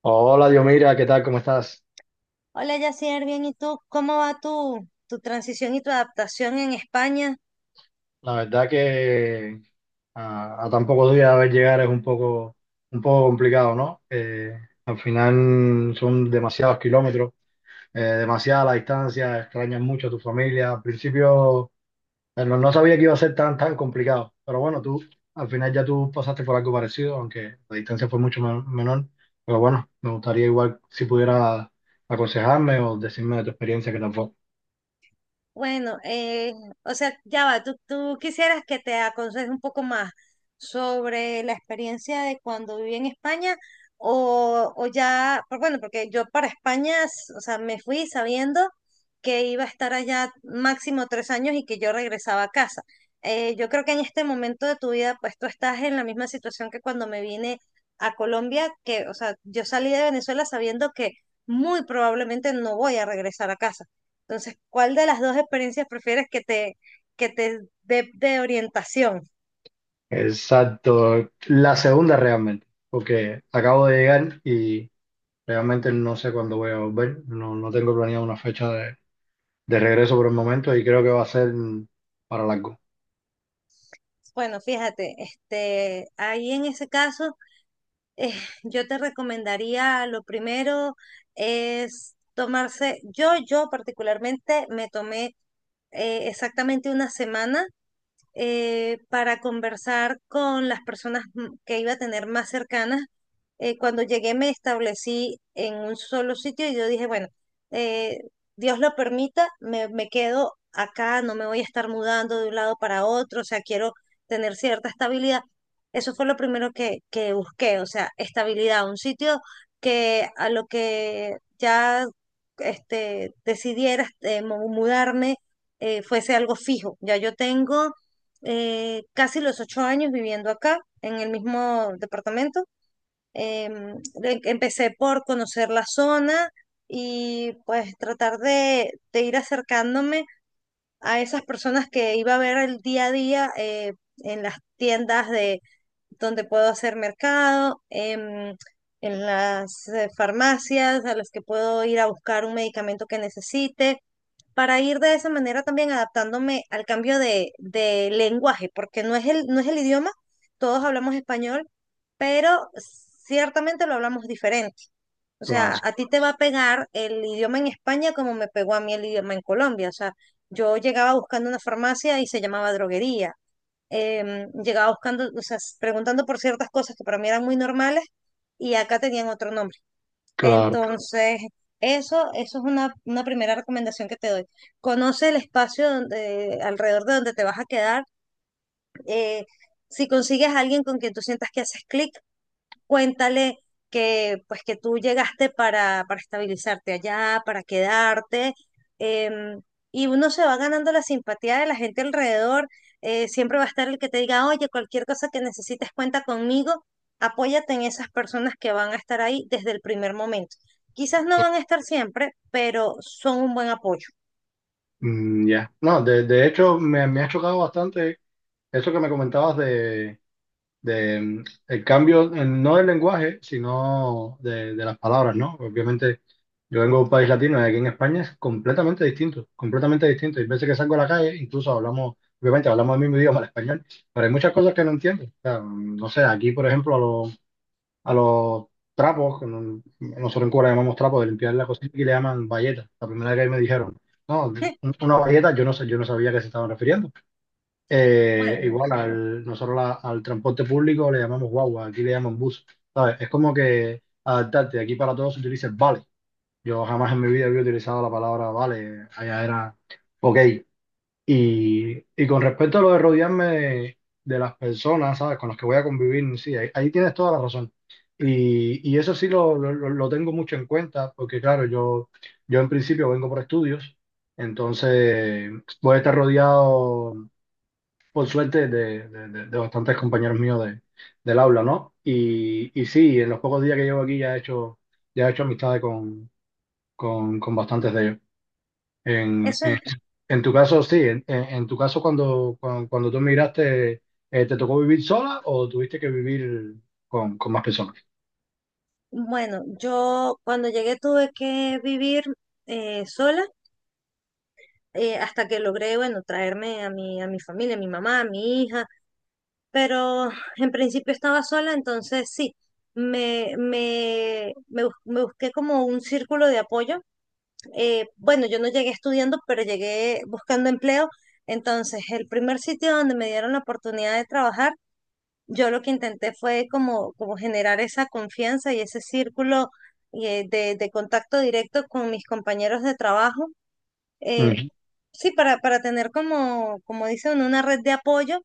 Hola, Diomira, ¿qué tal? ¿Cómo estás? Hola, Yacier, bien, ¿y tú? ¿Cómo va tu transición y tu adaptación en España? La verdad que a tan pocos días de ver llegar es un poco complicado, ¿no? Al final son demasiados kilómetros, demasiada la distancia, extrañas mucho a tu familia. Al principio no sabía que iba a ser tan complicado, pero bueno, tú al final ya tú pasaste por algo parecido, aunque la distancia fue menor. Pero bueno, me gustaría igual si pudiera aconsejarme o decirme de tu experiencia que tampoco. Bueno, o sea, ya va, tú quisieras que te aconseje un poco más sobre la experiencia de cuando viví en España o ya, bueno, porque yo para España, o sea, me fui sabiendo que iba a estar allá máximo 3 años y que yo regresaba a casa. Yo creo que en este momento de tu vida, pues tú estás en la misma situación que cuando me vine a Colombia, que, o sea, yo salí de Venezuela sabiendo que muy probablemente no voy a regresar a casa. Entonces, ¿cuál de las dos experiencias prefieres que te dé de orientación? Exacto, la segunda realmente, porque acabo de llegar y realmente no sé cuándo voy a volver, no tengo planeado una fecha de regreso por el momento y creo que va a ser para largo. Bueno, fíjate, ahí en ese caso, eh, yo te recomendaría, lo primero es tomarse, yo particularmente me tomé exactamente una semana para conversar con las personas que iba a tener más cercanas. Cuando llegué me establecí en un solo sitio y yo dije, bueno, eh, Dios lo permita, me quedo acá, no me voy a estar mudando de un lado para otro, o sea, quiero tener cierta estabilidad. Eso fue lo primero que busqué, o sea, estabilidad, un sitio que a lo que ya decidiera mudarme fuese algo fijo. Ya yo tengo casi los 8 años viviendo acá, en el mismo departamento. Em, Empecé por conocer la zona y pues tratar de ir acercándome a esas personas que iba a ver el día a día en las tiendas de donde puedo hacer mercado, en las farmacias a las que puedo ir a buscar un medicamento que necesite para ir de esa manera también adaptándome al cambio de lenguaje, porque no es el idioma, todos hablamos español, pero ciertamente lo hablamos diferente. O Claro, sea, a ti te va a pegar el idioma en España como me pegó a mí el idioma en Colombia. O sea, yo llegaba buscando una farmacia y se llamaba droguería. Llegaba buscando, o sea, preguntando por ciertas cosas que para mí eran muy normales y acá tenían otro nombre. claro. Entonces, eso es una primera recomendación que te doy. Conoce el espacio alrededor de donde te vas a quedar. eh, si consigues a alguien con quien tú sientas que haces clic, cuéntale que pues que tú llegaste para estabilizarte allá, para quedarte, em, y uno se va ganando la simpatía de la gente alrededor. Siempre va a estar el que te diga, oye, cualquier cosa que necesites, cuenta conmigo, apóyate en esas personas que van a estar ahí desde el primer momento. Quizás no van a estar siempre, pero son un buen apoyo. Mm, ya. No, de hecho me ha chocado bastante eso que me comentabas de el cambio, no del lenguaje, sino de las palabras, ¿no? Obviamente, yo vengo de un país latino y aquí en España es completamente distinto, completamente distinto. Hay veces que salgo a la calle, incluso hablamos, obviamente hablamos el mismo idioma, el español, pero hay muchas cosas que no entiendo. O sea, no sé, aquí, por ejemplo, a los trapos, que nosotros en Cuba le llamamos trapos de limpiar la cocina, y le llaman bayeta. La primera vez que ahí me dijeron, no, una bayeta, yo no sé, yo no sabía a qué se estaban refiriendo. Bueno, Igual al, al transporte público le llamamos guagua, aquí le llaman bus, ¿sabes? Es como que adaptarte, aquí para todos se utiliza el vale. Yo jamás en mi vida había utilizado la palabra vale, allá era ok. Y con respecto a lo de rodearme de las personas, ¿sabes? Con las que voy a convivir, sí, ahí, ahí tienes toda la razón. Y eso sí lo tengo mucho en cuenta, porque claro, yo en principio vengo por estudios, entonces voy a estar rodeado por suerte, de bastantes compañeros míos del aula, ¿no? Y sí, en los pocos días que llevo aquí ya he hecho amistades con bastantes de ellos. En, eso en, es, en tu caso, sí, en tu caso, cuando tú emigraste, ¿te tocó vivir sola o tuviste que vivir con más personas? bueno, yo cuando llegué tuve que vivir sola hasta que logré, bueno, traerme a mi familia, a mi mamá, a mi hija, pero en principio estaba sola, entonces sí, me busqué como un círculo de apoyo. Bueno, yo no llegué estudiando, pero llegué buscando empleo, entonces el primer sitio donde me dieron la oportunidad de trabajar, yo lo que intenté fue como generar esa confianza y ese círculo de contacto directo con mis compañeros de trabajo. eh, Ujú. Sí, para tener como dice uno, una red de apoyo.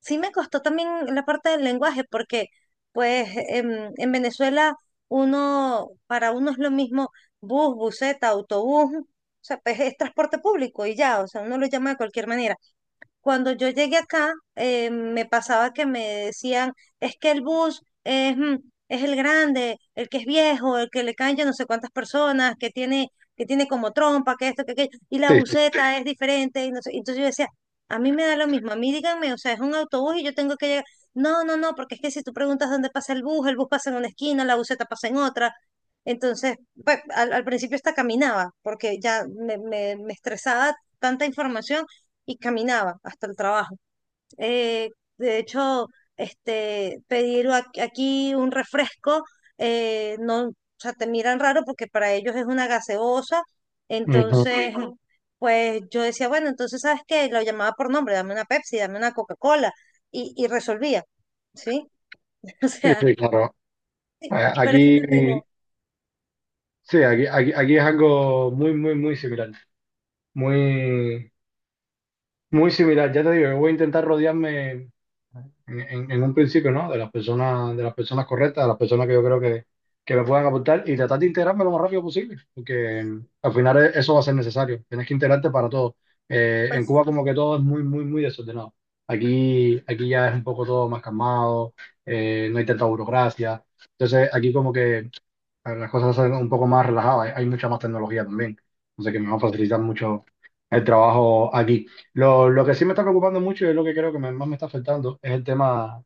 Sí me costó también la parte del lenguaje, porque pues en Venezuela para uno es lo mismo bus, buseta, autobús, o sea, pues es transporte público y ya, o sea, uno lo llama de cualquier manera. Cuando yo llegué acá, me pasaba que me decían, es que el bus es el grande, el que es viejo, el que le caen yo no sé cuántas personas, que tiene como trompa, que esto, que aquello, y la Sí, sí. buseta es diferente, y no sé. Entonces yo decía, a mí me da lo mismo, a mí díganme, o sea, es un autobús y yo tengo que llegar. No, no, no, porque es que si tú preguntas dónde pasa el bus pasa en una esquina, la buseta pasa en otra. Entonces, pues, al principio hasta caminaba, porque ya me estresaba tanta información y caminaba hasta el trabajo. Eh, de hecho, pedir aquí un refresco, no, o sea, te miran raro porque para ellos es una gaseosa. Ujú. Entonces, ujú. Pues yo decía, bueno, entonces, ¿sabes qué? Lo llamaba por nombre, dame una Pepsi, dame una Coca-Cola y resolvía, ¿sí? O Sí, sea, sí, claro. Pero eso Aquí, me pegó. sí, aquí es algo muy, muy, muy similar. Muy, muy similar, ya te digo, yo voy a intentar rodearme en un principio, ¿no? De las personas correctas, de las personas que yo creo que me puedan aportar y tratar de integrarme lo más rápido posible, porque al final eso va a ser necesario. Tienes que integrarte para todo. En Pues Cuba sí, como que todo es muy, muy, muy desordenado. Aquí, aquí ya es un poco todo más calmado, no hay tanta burocracia. Entonces aquí como que a ver, las cosas son un poco más relajadas, hay mucha más tecnología también, entonces que me va a facilitar mucho el trabajo aquí. Lo que sí me está preocupando mucho y es lo que creo que más me está afectando es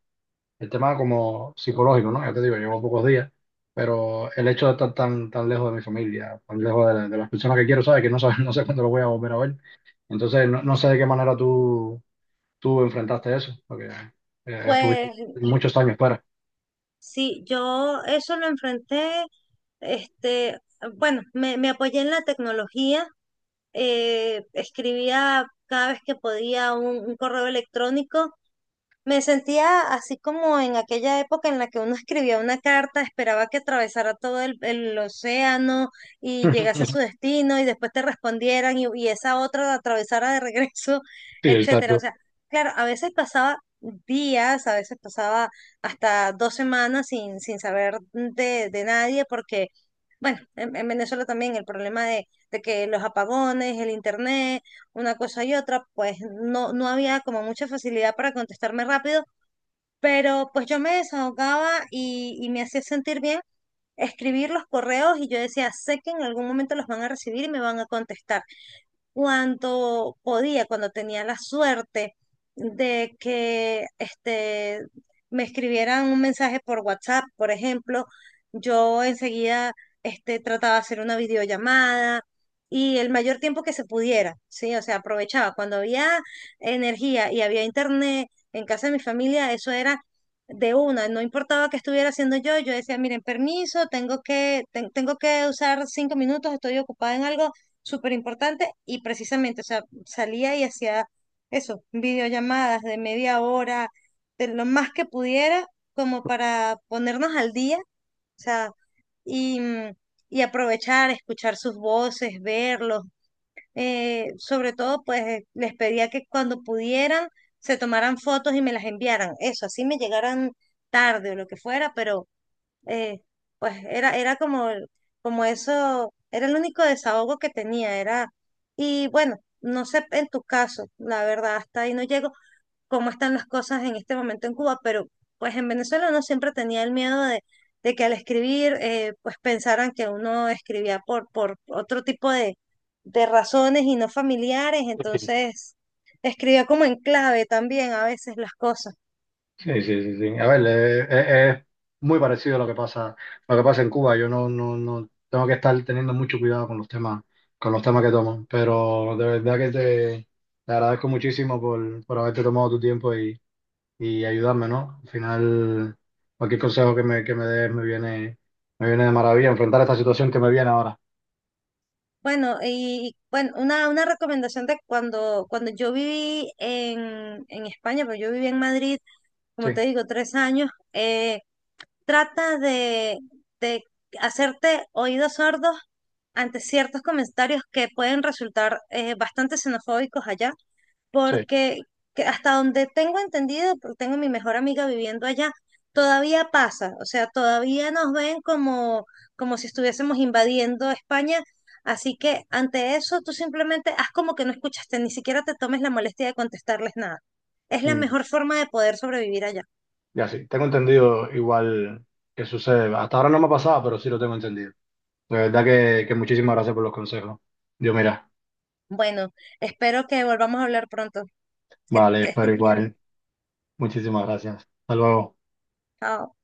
el tema como psicológico, ¿no? Ya te digo, llevo pocos días, pero el hecho de estar tan lejos de mi familia, tan lejos de, de las personas que quiero, ¿sabes? Que no, no sé cuándo lo voy a volver a ver. Entonces, no sé de qué manera tú, tú enfrentaste eso, porque estuviste pues muchos años fuera. sí, yo eso lo enfrenté, este, bueno, me apoyé en la tecnología escribía cada vez que podía un correo electrónico. Me sentía así como en aquella época en la que uno escribía una carta, esperaba que atravesara todo el océano y llegase a su destino y después te respondieran y esa otra la atravesara de regreso, Sí, etcétera. O exacto. sea, claro, a veces pasaba días, a veces pasaba hasta 2 semanas sin saber de nadie porque, bueno, en Venezuela también el problema de que los apagones, el internet, una cosa y otra, pues no había como mucha facilidad para contestarme rápido, pero pues yo me desahogaba y me hacía sentir bien escribir los correos y yo decía, sé que en algún momento los van a recibir y me van a contestar cuando podía, cuando tenía la suerte de que me escribieran un mensaje por WhatsApp, por ejemplo, yo enseguida trataba de hacer una videollamada y el mayor tiempo que se pudiera, ¿sí? O sea, aprovechaba. Cuando había energía y había internet en casa de mi familia, eso era de una, no importaba qué estuviera haciendo yo, decía, miren, permiso, tengo que usar 5 minutos, estoy ocupada en algo súper importante y precisamente, o sea, salía y hacía eso, videollamadas de media hora, de lo más que pudiera, como para ponernos al día, o sea, y, mm, y aprovechar, escuchar sus voces, verlos. Sobre todo, pues les pedía que cuando pudieran se tomaran fotos y me las enviaran. Eso, así me llegaran tarde o lo que fuera, pero eh, pues era como eso, era el único desahogo que tenía, y bueno, no sé en tu caso, la verdad, hasta ahí no llego, cómo están las cosas en este momento en Cuba, pero pues en Venezuela uno siempre tenía el miedo de, que al escribir, pues pensaran que uno escribía por otro tipo de razones y no familiares, entonces escribía como en clave también a veces las cosas. Sí, sí, sí, sí. A ver, es muy parecido a lo que pasa en Cuba. Yo no tengo que estar teniendo mucho cuidado con los temas que tomo. Pero de verdad que te agradezco muchísimo por haberte tomado tu tiempo y ayudarme, ¿no? Al final, cualquier consejo que me des me viene de maravilla enfrentar esta situación que me viene ahora. Bueno, una recomendación de cuando yo viví en España, pero yo viví en Madrid, como te Sí, digo, 3 años. Trata de hacerte oídos sordos ante ciertos comentarios que pueden resultar bastante xenofóbicos allá, sí. porque que hasta donde tengo entendido, porque tengo mi mejor amiga viviendo allá, todavía pasa, o sea, todavía nos ven como si estuviésemos invadiendo España, así que ante eso tú simplemente haz como que no escuchaste, ni siquiera te tomes la molestia de contestarles nada. Es la Mm, mejor forma de poder sobrevivir allá. ya sí, tengo entendido igual que sucede. Hasta ahora no me ha pasado, pero sí lo tengo entendido. La verdad que muchísimas gracias por los consejos. Dios, mira, Bueno, espero que volvamos a hablar pronto. Que vale, pero estés bien. igual. Muchísimas gracias. Hasta luego. Chao.